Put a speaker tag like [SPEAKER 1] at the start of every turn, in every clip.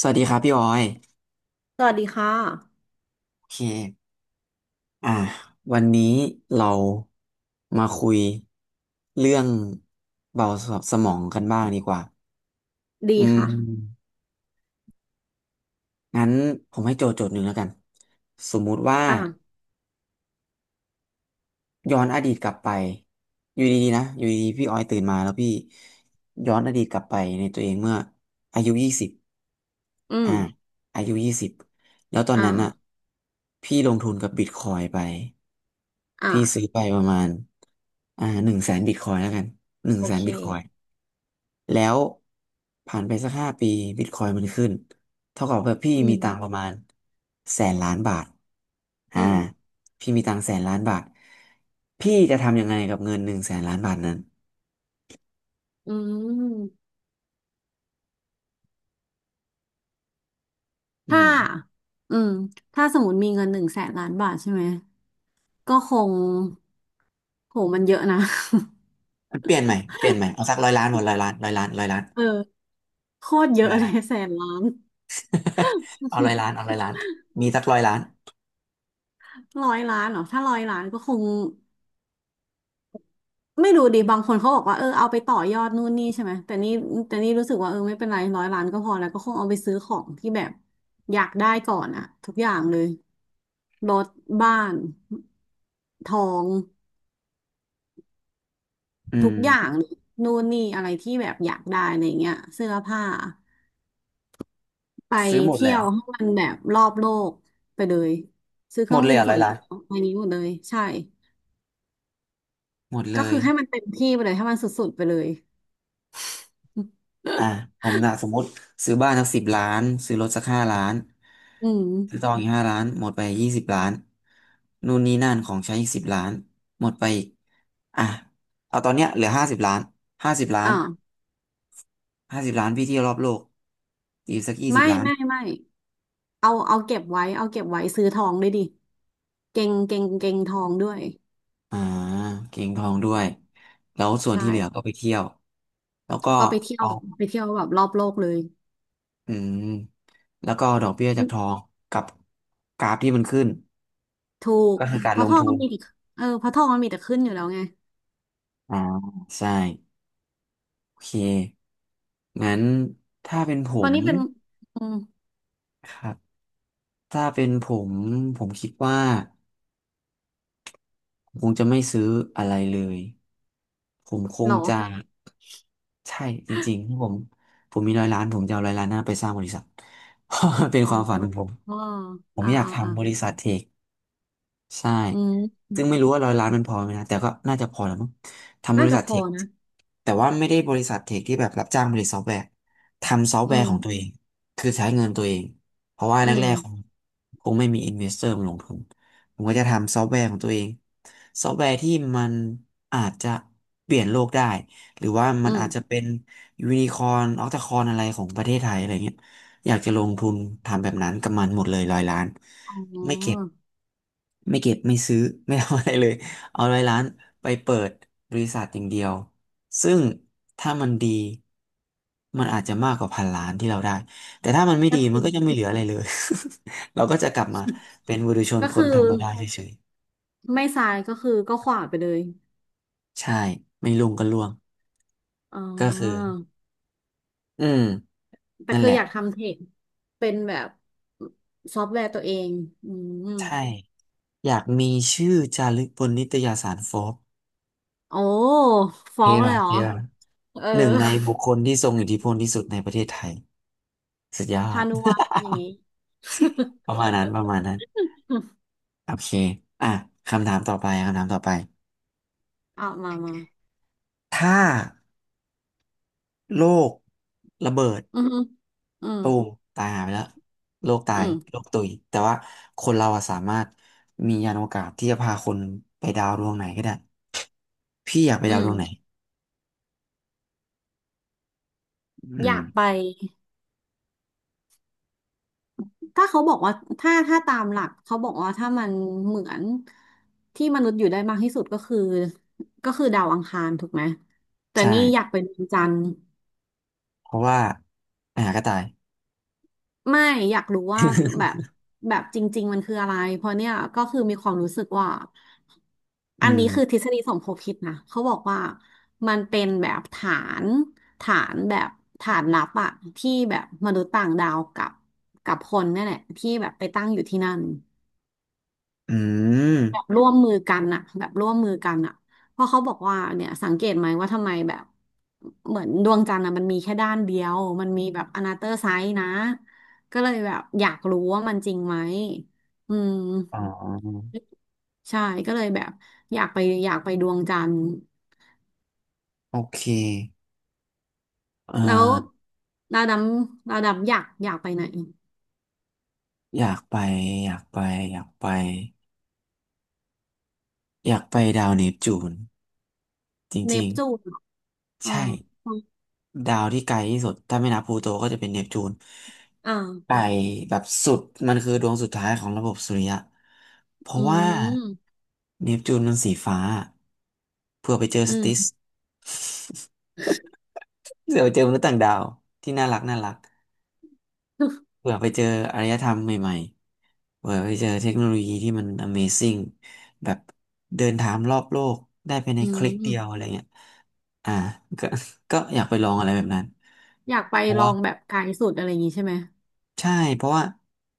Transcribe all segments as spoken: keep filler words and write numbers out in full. [SPEAKER 1] สวัสดีครับพี่ออย
[SPEAKER 2] สวัสดีค่ะ
[SPEAKER 1] โอเคอ่าวันนี้เรามาคุยเรื่องเบาสมองกันบ้างดีกว่า
[SPEAKER 2] ดี
[SPEAKER 1] อืม
[SPEAKER 2] ค่ะ
[SPEAKER 1] งั้นผมให้โจทย์โจทย์หนึ่งแล้วกันสมมุติว่า
[SPEAKER 2] อ่า
[SPEAKER 1] ย้อนอดีตกลับไปอยู่ดีๆนะอยู่ดีๆพี่ออยตื่นมาแล้วพี่ย้อนอดีตกลับไปในตัวเองเมื่ออายุยี่สิบ
[SPEAKER 2] อืม
[SPEAKER 1] อ่าอายุยี่สิบแล้วตอน
[SPEAKER 2] อ่า
[SPEAKER 1] นั้นอ่ะพี่ลงทุนกับบิตคอยไป
[SPEAKER 2] อ่า
[SPEAKER 1] พี่ซื้อไปประมาณอ่าหนึ่งแสนบิตคอยแล้วกันหนึ่ง
[SPEAKER 2] โอ
[SPEAKER 1] แสน
[SPEAKER 2] เค
[SPEAKER 1] บิตคอยแล้วผ่านไปสักห้าปีบิตคอยมันขึ้นเท่ากับว่าพี่
[SPEAKER 2] อื
[SPEAKER 1] มีตังค์ป
[SPEAKER 2] ม
[SPEAKER 1] ระมาณแสนล้านบาท
[SPEAKER 2] อื
[SPEAKER 1] อ่า
[SPEAKER 2] ม
[SPEAKER 1] พี่มีตังค์แสนล้านบาทพี่จะทำยังไงกับเงินหนึ่งแสนล้านบาทนั้น
[SPEAKER 2] อืม
[SPEAKER 1] อื
[SPEAKER 2] ถ้า
[SPEAKER 1] ม
[SPEAKER 2] อืมถ้าสมมติมีเงินหนึ่งแสนล้านบาทใช่ไหม ก็คงโหมันเยอะนะ
[SPEAKER 1] เปลี่ยนใหม่เปลี่ยนใหม่เอาสักร้อยล้านหมดร้อยล้านร้อยล้านร้อยล้าน
[SPEAKER 2] เออโคตรเย
[SPEAKER 1] ห
[SPEAKER 2] อะ
[SPEAKER 1] ลา
[SPEAKER 2] เล
[SPEAKER 1] น
[SPEAKER 2] ยแสนล้าน
[SPEAKER 1] เอาร้อยล้านเอาร้อยล้านมีสักร้อยล้าน
[SPEAKER 2] ร้อยล้านเหรอถ้าร้อยล้านก็คง ไม่รู้ดิบางคนเขาบอกว่าเออ เอาไปต่อยอดนู่นนี่ใช่ไหม แต่นี่แต่นี่รู้สึกว่า เออไม่เป็นไรร้อยล้านก็พอแล้วก็คงเอาไปซื้อของที่แบบอยากได้ก่อนอะทุกอย่างเลย รถบ้านทอง
[SPEAKER 1] อื
[SPEAKER 2] ทุ
[SPEAKER 1] ม
[SPEAKER 2] กอย่างเลยนู่นนี่อะไรที่แบบอยากได้อะไรเงี้ยเสื้อผ้าไป
[SPEAKER 1] ซื้อหมดเล
[SPEAKER 2] เที่
[SPEAKER 1] ย
[SPEAKER 2] ย
[SPEAKER 1] เหร
[SPEAKER 2] ว
[SPEAKER 1] อ
[SPEAKER 2] ให้มันแบบรอบโลกไปเลยซื้อเค
[SPEAKER 1] หม
[SPEAKER 2] รื่
[SPEAKER 1] ด
[SPEAKER 2] อง
[SPEAKER 1] เลย
[SPEAKER 2] บิน
[SPEAKER 1] เหรอ
[SPEAKER 2] ส่
[SPEAKER 1] ร้อย
[SPEAKER 2] วน
[SPEAKER 1] ล้า
[SPEAKER 2] ตั
[SPEAKER 1] น
[SPEAKER 2] วไปนี้หมดเลยใช่
[SPEAKER 1] หมดเล
[SPEAKER 2] ก็คื
[SPEAKER 1] ย
[SPEAKER 2] อให้มันเต็มที่ไปเลยให้มันสุดๆไปเลย
[SPEAKER 1] อ่าผมนะสมมติซื้อบ้านสักสิบล้านซื้อรถสักห้าล้าน
[SPEAKER 2] อืม
[SPEAKER 1] ซื้อทองอีกห้าล้านหมดไปยี่สิบล้านนู่นนี่นั่นของใช้อีกสิบล้านหมดไปอีกอ่ะเอาตอนเนี้ยเหลือห้าสิบล้านห้าสิบล้าน
[SPEAKER 2] อ่า
[SPEAKER 1] ห้าสิบล้านพี่เที่ยวรอบโลกอีสักยี่สิบ
[SPEAKER 2] ไม่
[SPEAKER 1] ล้าน
[SPEAKER 2] ไม่ไม่เอาเอาเก็บไว้เอาเก็บไว้ซื้อทองด้วยดิเก่งเก่งเก่งทองด้วย
[SPEAKER 1] อ่าเก็งทองด้วยแล้วส่วน
[SPEAKER 2] ใช่
[SPEAKER 1] ที่เหลือก็ไปเที่ยวแล้วก็
[SPEAKER 2] ก็ไปเที่ยว
[SPEAKER 1] เอา
[SPEAKER 2] ไปเที่ยวแบบรอบโลกเลย
[SPEAKER 1] อืมแล้วก็เอาดอกเบี้ยจากทองกับกราฟที่มันขึ้น
[SPEAKER 2] ถูก
[SPEAKER 1] ก็คือกา
[SPEAKER 2] เพ
[SPEAKER 1] รล
[SPEAKER 2] ราะท
[SPEAKER 1] ง
[SPEAKER 2] อง
[SPEAKER 1] ทุ
[SPEAKER 2] มั
[SPEAKER 1] น
[SPEAKER 2] นมีแต่เออเพราะทองมันมีแต่ขึ้นอยู่แล้วไง
[SPEAKER 1] อ่าใช่ โอเคงั้นถ้าเป็นผ
[SPEAKER 2] เพราะ
[SPEAKER 1] ม
[SPEAKER 2] นี่เป็นอืม
[SPEAKER 1] ครับถ้าเป็นผมผมคิดว่าผมคงจะไม่ซื้ออะไรเลย ผมค
[SPEAKER 2] เหร
[SPEAKER 1] ง
[SPEAKER 2] อ
[SPEAKER 1] จะใช่จริงๆที่ผมผมมีร้อยล้านผมจะเอาร้อยล้านหน้าไปสร้างบริษัท เพราะมันเป็น
[SPEAKER 2] อ๋อ
[SPEAKER 1] ความฝันของผม
[SPEAKER 2] อ๋อ
[SPEAKER 1] ผม
[SPEAKER 2] อ่า
[SPEAKER 1] อยาก
[SPEAKER 2] อ่าอ่า
[SPEAKER 1] ทำบริษัทเทค ใช่
[SPEAKER 2] อืม
[SPEAKER 1] ซึ่งไม่รู้ว่าร้อยล้านมันพอไหมนะ แต่ก็น่าจะพอแล้วมั้งทำบ
[SPEAKER 2] น่า
[SPEAKER 1] ริ
[SPEAKER 2] จะ
[SPEAKER 1] ษัท
[SPEAKER 2] พ
[SPEAKER 1] เท
[SPEAKER 2] อ
[SPEAKER 1] ค
[SPEAKER 2] นะ
[SPEAKER 1] แต่ว่าไม่ได้บริษัทเทคที่แบบรับจ้างผลิตซอฟต์แวร์ทำซอฟต์
[SPEAKER 2] อื
[SPEAKER 1] แวร์
[SPEAKER 2] ม
[SPEAKER 1] ของตัวเอง คือใช้เงินตัวเอง เพราะว่า
[SPEAKER 2] อื
[SPEAKER 1] แร
[SPEAKER 2] ม
[SPEAKER 1] กๆคงคงไม่มีอินเวสเตอร์มาลงทุน ผมก็จะทำซอฟต์แวร์ของตัวเองซอฟต์แวร์ที่มันอาจจะเปลี่ยนโลกได้ หรือว่า
[SPEAKER 2] อื
[SPEAKER 1] มัน
[SPEAKER 2] ม
[SPEAKER 1] อาจจะเป็นยูนิคอร์นออคตาคอนอะไรของประเทศไทยอะไรเงี้ยอยากจะลงทุนทำแบบนั้นกับมันหมดเลยร้อยล้าน
[SPEAKER 2] อ๋อ
[SPEAKER 1] ไม่เก็บไม่เก็บไม่ซื้อ ไม่ทำอะไรเลยเอาร้อยล้านไปเปิดบริษัทอย่างเดียวซึ่งถ้ามันดีมันอาจจะมากกว่าพันล้านที่เราได้แต่ถ้ามันไม่
[SPEAKER 2] ก็
[SPEAKER 1] ดี
[SPEAKER 2] จ
[SPEAKER 1] มัน
[SPEAKER 2] ริง
[SPEAKER 1] ก็จะไม่เหลืออะไรเลย เราก็จะกลับมาเป็นบุถุษชน
[SPEAKER 2] ก็
[SPEAKER 1] ค
[SPEAKER 2] คื
[SPEAKER 1] น
[SPEAKER 2] อ
[SPEAKER 1] ธรรมดาเฉย
[SPEAKER 2] ไม่ซ้ายก็คือก็ขวาไปเลย
[SPEAKER 1] ๆใช่ไม่ลุงก็ล่วง
[SPEAKER 2] อ๋อ
[SPEAKER 1] ก็คืออืม
[SPEAKER 2] แต่
[SPEAKER 1] นั่น
[SPEAKER 2] คื
[SPEAKER 1] แห
[SPEAKER 2] อ
[SPEAKER 1] ละ
[SPEAKER 2] อยากทำเทคเป็นแบบซอฟต์แวร์ตัวเองอืม
[SPEAKER 1] ใช่อยากมีชื่อจารึกบนนิตยสารโฟบ
[SPEAKER 2] โอ้ฟ้อ
[SPEAKER 1] เท่
[SPEAKER 2] งเลย
[SPEAKER 1] ว่ะ
[SPEAKER 2] เหรอ
[SPEAKER 1] เท่ว่ะ
[SPEAKER 2] เออ
[SPEAKER 1] หนึ่งในบุคคลที่ทรงอิทธิพลที่สุดในประเทศไทย สุดยอ
[SPEAKER 2] พา
[SPEAKER 1] ด
[SPEAKER 2] นุวัตรอย่างงี้
[SPEAKER 1] ป ระมาณนั้นประมาณนั้นโอเคอ่ะคำถามต่อไปคำถามต่อไป
[SPEAKER 2] อ่ะมามา
[SPEAKER 1] ถ้าโลกระเบิด
[SPEAKER 2] อืมอืม
[SPEAKER 1] ตูมตายหายไปแล้วโลกตา
[SPEAKER 2] อื
[SPEAKER 1] ยโล
[SPEAKER 2] ม
[SPEAKER 1] กตุยแต่ว่าคนเราอะสามารถมียานอวกาศที่จะพาคนไปดาวดวงไหนก็ได้พี่อยากไป
[SPEAKER 2] อื
[SPEAKER 1] ดาวด
[SPEAKER 2] ม
[SPEAKER 1] วงไหนอื
[SPEAKER 2] อยา
[SPEAKER 1] ม
[SPEAKER 2] กไปถ้าเขาบอกว่าถ้าถ้าตามหลัก เขาบอกว่าถ้ามันเหมือนที่มนุษย์อยู่ได้มากที่สุดก็คือก็คือดาวอังคารถูกไหมแต่
[SPEAKER 1] ใ
[SPEAKER 2] นี่อยาก
[SPEAKER 1] ช่
[SPEAKER 2] ไปดวงจันทร์
[SPEAKER 1] เพราะว่าไปหาก็ตาย
[SPEAKER 2] ไม่อยากรู้ว่าแบบแบบจริงๆมันคืออะไร เพราะเนี่ยก็คือมีความรู้สึกว่า
[SPEAKER 1] อื
[SPEAKER 2] อันนี้คือทฤ
[SPEAKER 1] ม
[SPEAKER 2] ษฎีสมคบคิดนะเขาบอกว่ามันเป็นแบบฐานฐานแบบฐานลับอะที่แบบมนุษย์ต่างดาวกับกับคนเนี่ยแหละที่แบบไปตั้งอยู่ที่นั่น
[SPEAKER 1] อืม
[SPEAKER 2] แบบร่วมมือกันอะแบบร่วมมือกันอะเพราะเขาบอกว่าเนี่ยสังเกตไหมว่าทำไมแบบเหมือนดวงจันทร์อะมันมีแค่ด้านเดียวมันมีแบบอนาเตอร์ไซส์นะก็เลยแบบอยากรู้ว่ามันจริงไหมอืม
[SPEAKER 1] อ๋อ
[SPEAKER 2] ใช่ก็เลยแบบอยากไปอยากไปดวงจันทร์
[SPEAKER 1] โอเคเอ่อ
[SPEAKER 2] แล้วดาวดำดาวดำอยากอยากไปไหน
[SPEAKER 1] อยากไปอยากไปอยากไปอยากไปดาวเนปจูน จ
[SPEAKER 2] เน
[SPEAKER 1] ริ
[SPEAKER 2] ป
[SPEAKER 1] ง
[SPEAKER 2] จูนเหรอ
[SPEAKER 1] ๆ
[SPEAKER 2] อ๋อ
[SPEAKER 1] ใช่ดาวที่ไกลที่สุดถ้าไม่นับพลูโตก็จะเป็นเนปจูน
[SPEAKER 2] อ่า
[SPEAKER 1] ไกลแบบสุดมันคือดวงสุดท้ายของระบบสุริยะเพ
[SPEAKER 2] อื
[SPEAKER 1] ราะว่า
[SPEAKER 2] ม
[SPEAKER 1] เนปจูนมันสีฟ้าเผื่อไปเจอ
[SPEAKER 2] อื
[SPEAKER 1] สติส
[SPEAKER 2] ม
[SPEAKER 1] เผื่อไปเจอมนุษย์ต่างดาวที่น่ารักน่ารัก เผื่อไปเจออารยธรรมใหม่ๆเผื่อไปเจอเทคโนโลยีที่มัน Amazing แบบเดินทางรอบโลกได้ภายใน
[SPEAKER 2] อื
[SPEAKER 1] คลิกเดียว
[SPEAKER 2] ม
[SPEAKER 1] อะไรเงี้ยอ่าก็ ก็อยากไปลองอะไรแบบนั้น
[SPEAKER 2] อยากไป
[SPEAKER 1] เพราะ
[SPEAKER 2] ลอ
[SPEAKER 1] ว่า
[SPEAKER 2] งแบบไกลสุดอะไรอย่างงี้ใช่ไหม
[SPEAKER 1] ใช่เพราะว่า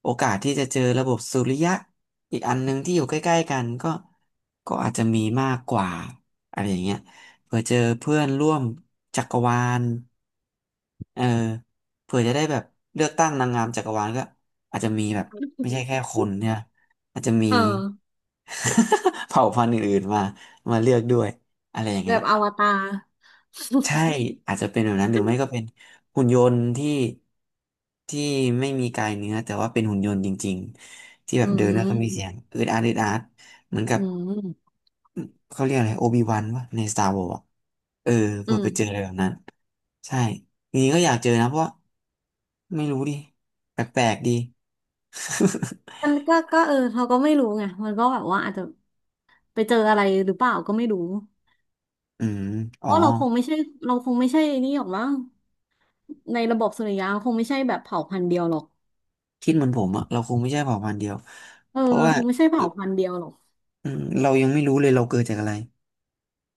[SPEAKER 1] โอกาสที่จะเจอระบบสุริยะอีกอันหนึ่งที่อยู่ใกล้ๆกันก็ก็อาจจะมีมากกว่าอะไรอย่างเงี้ยเผื่อเจอเพื่อนร่วมจักรวาลเออเผื่อจะได้แบบเลือกตั้งนางงามจักรวาลก็อาจจะมีแบบไม่ใช่แค่คนเนี่ยอาจจะมี
[SPEAKER 2] เออ
[SPEAKER 1] เผ่าพันธุ์อื่นๆมามาเลือกด้วยอะไรอย่าง
[SPEAKER 2] แบ
[SPEAKER 1] เงี้ย
[SPEAKER 2] บ
[SPEAKER 1] นะ
[SPEAKER 2] อวตาร
[SPEAKER 1] ใช่ อาจจะเป็นแบบนั้นหรือไม่ก็เป็นหุ่นยนต์ที่ที่ไม่มีกายเนื้อแต่ว่าเป็นหุ่นยนต์จริงๆที่แบ
[SPEAKER 2] อื
[SPEAKER 1] บเดินแล้วก็มีเสีย
[SPEAKER 2] ม
[SPEAKER 1] งอืดอาดอืดอาดเหมือนกั
[SPEAKER 2] อื
[SPEAKER 1] บ
[SPEAKER 2] ม
[SPEAKER 1] เขาเรียกอะไรโอบิวันวะใน Star Wars อะเออ
[SPEAKER 2] อื
[SPEAKER 1] เผื่อไปเจอ
[SPEAKER 2] ม
[SPEAKER 1] อะไรแบบนั้นใช่จริงๆก็อยากเจอนะเพราะว่าไม่รู้ดิแปลกๆดี
[SPEAKER 2] มันก็ก็เออเราก็ไม่รู้ไงมันก็แบบว่าอาจจะไปเจออะไรหรือเปล่าก็ไม่รู้
[SPEAKER 1] อืมอ๋
[SPEAKER 2] เพ
[SPEAKER 1] อ
[SPEAKER 2] ราะเราคงไม่ใช่เราคงไม่ใช่นี่หรอกมั้งในระบบสุริยะคงไม่ใช่แบบเผ่าพันธุ์เดียวหรอก
[SPEAKER 1] คิดเหมือนผมอะเราคงไม่ใช่เผ่าพันธุ์เดียว
[SPEAKER 2] เออ
[SPEAKER 1] เพราะ
[SPEAKER 2] เรา
[SPEAKER 1] ว่า
[SPEAKER 2] คงไม่ใช่เผ่าพันธุ์เดียวหรอก
[SPEAKER 1] อืมเรายังไม่รู้เลยเราเกิดจากอะไร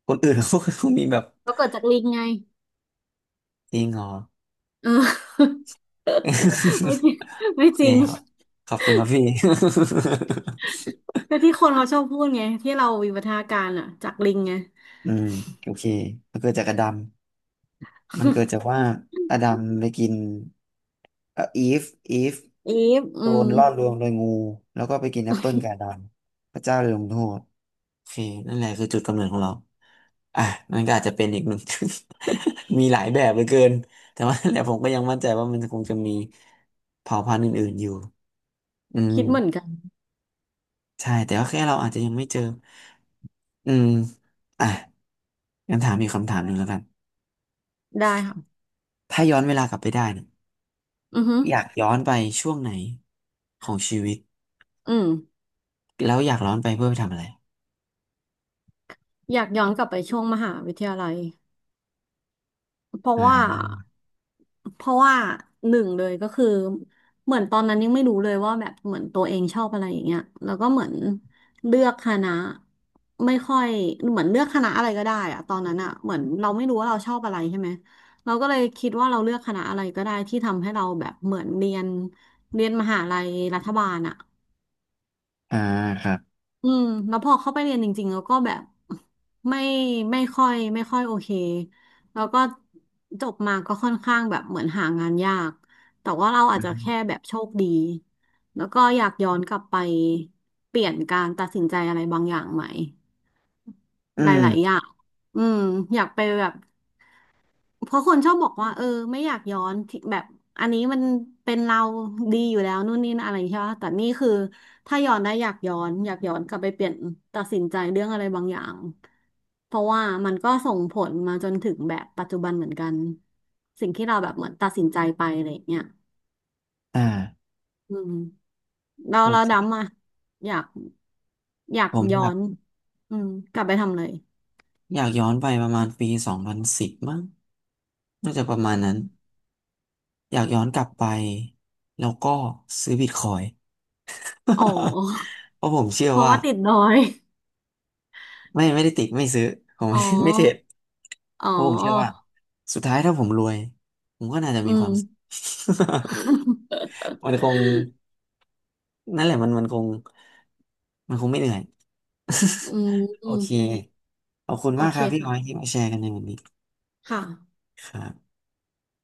[SPEAKER 1] คนอื่น เขาก็มีแบบ
[SPEAKER 2] เราเกิดจากลิงไง
[SPEAKER 1] จริงเหรอ
[SPEAKER 2] เออ ไม่จ ริงไม่
[SPEAKER 1] โอ
[SPEAKER 2] จ
[SPEAKER 1] เค
[SPEAKER 2] ริง
[SPEAKER 1] ครับขอบคุณครับพี่
[SPEAKER 2] ก็ที่คนเขาชอบพูดไงที่เราวิวัฒนาการอ่ะจากลิงไง
[SPEAKER 1] อืมโอเคมันเกิดจากอดัมมันเกิดจาก ว่าอดัมไปกินเอ่ออีฟอีฟ
[SPEAKER 2] อีฟอื
[SPEAKER 1] โด
[SPEAKER 2] ม
[SPEAKER 1] นล่อลวงโดยงูแล้วก็ไปกินแอปเปิลกับอดัมพระเจ้าเลยลงโทษโอเคนั่นแหละคือจุดกำเนิดของเราอ่ะมันก็อาจจะเป็นอีกหนึ่ง มีหลายแบบเหลือเกินแต่ว่านั่นแหละผมก็ยังมั่นใจว่ามันคงจะมีเผ่าพันธุ์อื่นๆอยู่อื
[SPEAKER 2] คิดเหมือน
[SPEAKER 1] ม
[SPEAKER 2] กัน
[SPEAKER 1] ใช่แต่ว่าแค่เราอาจจะยังไม่เจอ อืมอ่ะงั้นถามอีกคำถามหนึ่งแล้วกัน
[SPEAKER 2] ได้ค่ะ
[SPEAKER 1] ถ้าย้อนเวลากลับไปได้เนี่ย
[SPEAKER 2] อือฮึ
[SPEAKER 1] อยากย้อนไปช่วงไหนของชีวิต
[SPEAKER 2] อืม
[SPEAKER 1] แล้วอยากย้อนไปเพื่อไปทำอะไร
[SPEAKER 2] อยากย้อนกลับไปช่วงมหาวิทยาลัยเพราะว่า
[SPEAKER 1] อ่า
[SPEAKER 2] เพราะว่าหนึ่งเลยก็คือเหมือนตอนนั้นยังไม่รู้เลยว่าแบบเหมือนตัวเองชอบอะไรอย่างเงี้ยแล้วก็เหมือนเลือกคณะไม่ค่อยเหมือนเลือกคณะอะไรก็ได้อะตอนนั้นอะเหมือนเราไม่รู้ว่าเราชอบอะไรใช่ไหมเราก็เลยคิดว่าเราเลือกคณะอะไรก็ได้ที่ทำให้เราแบบเหมือนเรียนเรียนมหาลัยรัฐบาลอะ
[SPEAKER 1] อ่าครับ
[SPEAKER 2] อืมแล้วพอเข้าไปเรียนจริงๆแล้วก็แบบไม่ไม่ค่อยไม่ค่อยโอเคแล้วก็จบมาก็ค่อนข้างแบบเหมือนหางานยากแต่ว่าเรา
[SPEAKER 1] อื
[SPEAKER 2] อาจจะแค่
[SPEAKER 1] ม
[SPEAKER 2] แบบโชคดีแล้วก็อยากย้อนกลับไปเปลี่ยนการตัดสินใจอะไรบางอย่างใหม่
[SPEAKER 1] อื
[SPEAKER 2] ห
[SPEAKER 1] ม
[SPEAKER 2] ลายๆอย่างอืมอยากไปแบบ เพราะคนชอบบอกว่าเออไม่อยากย้อนที่แบบอันนี้มันเป็นเราดีอยู่แล้วนู่นนี่นั่นอะไรใช่ไหมแต่นี่คือถ้าย้อนได้อยากย้อนอยากย้อนกลับไปเปลี่ยนตัดสินใจเรื่องอะไรบางอย่างเพราะว่ามันก็ส่งผลมาจนถึงแบบปัจจุบันเหมือนกันสิ่งที่เราแบบเหมือนตัดสินใจไปอะไรอย่างเงี้ย
[SPEAKER 1] อ่า
[SPEAKER 2] อืมเรา
[SPEAKER 1] โอ
[SPEAKER 2] เรา
[SPEAKER 1] เค
[SPEAKER 2] ดำอ่ะอยากอยา
[SPEAKER 1] ผ
[SPEAKER 2] ก
[SPEAKER 1] ม
[SPEAKER 2] ย้
[SPEAKER 1] อ
[SPEAKER 2] อ
[SPEAKER 1] ยาก
[SPEAKER 2] นอืมกลับไปทำเลย
[SPEAKER 1] อยากย้อนไปประมาณปีสองพันสิบมั้งน่าจะประมาณนั้นอยากย้อนกลับไปแล้วก็ซื้อบิตคอย
[SPEAKER 2] อ๋อ
[SPEAKER 1] เพราะผมเชื่อ
[SPEAKER 2] เพราะ
[SPEAKER 1] ว่า
[SPEAKER 2] ว่าติดดอย
[SPEAKER 1] ไม่ไม่ได้ติดไม่ซื้อผม
[SPEAKER 2] อ๋อ
[SPEAKER 1] ไม่ ไม่เทรด
[SPEAKER 2] อ๋
[SPEAKER 1] เพราะผมเชื่อว่า
[SPEAKER 2] อ
[SPEAKER 1] สุดท้ายถ้าผมรวยผมก็น่าจะ
[SPEAKER 2] อื
[SPEAKER 1] มีควา
[SPEAKER 2] ม
[SPEAKER 1] ม สุข มันคงนั่นแหละมันมันคงมันคงไม่เหนื่อย
[SPEAKER 2] อืม อื
[SPEAKER 1] โอ
[SPEAKER 2] ม
[SPEAKER 1] เคขอบคุณ
[SPEAKER 2] โอ
[SPEAKER 1] มากค
[SPEAKER 2] เค
[SPEAKER 1] รับพี่อ
[SPEAKER 2] ค่ะ
[SPEAKER 1] อยที่มาแชร์กันในวันนี้
[SPEAKER 2] ค่ะ
[SPEAKER 1] ครับ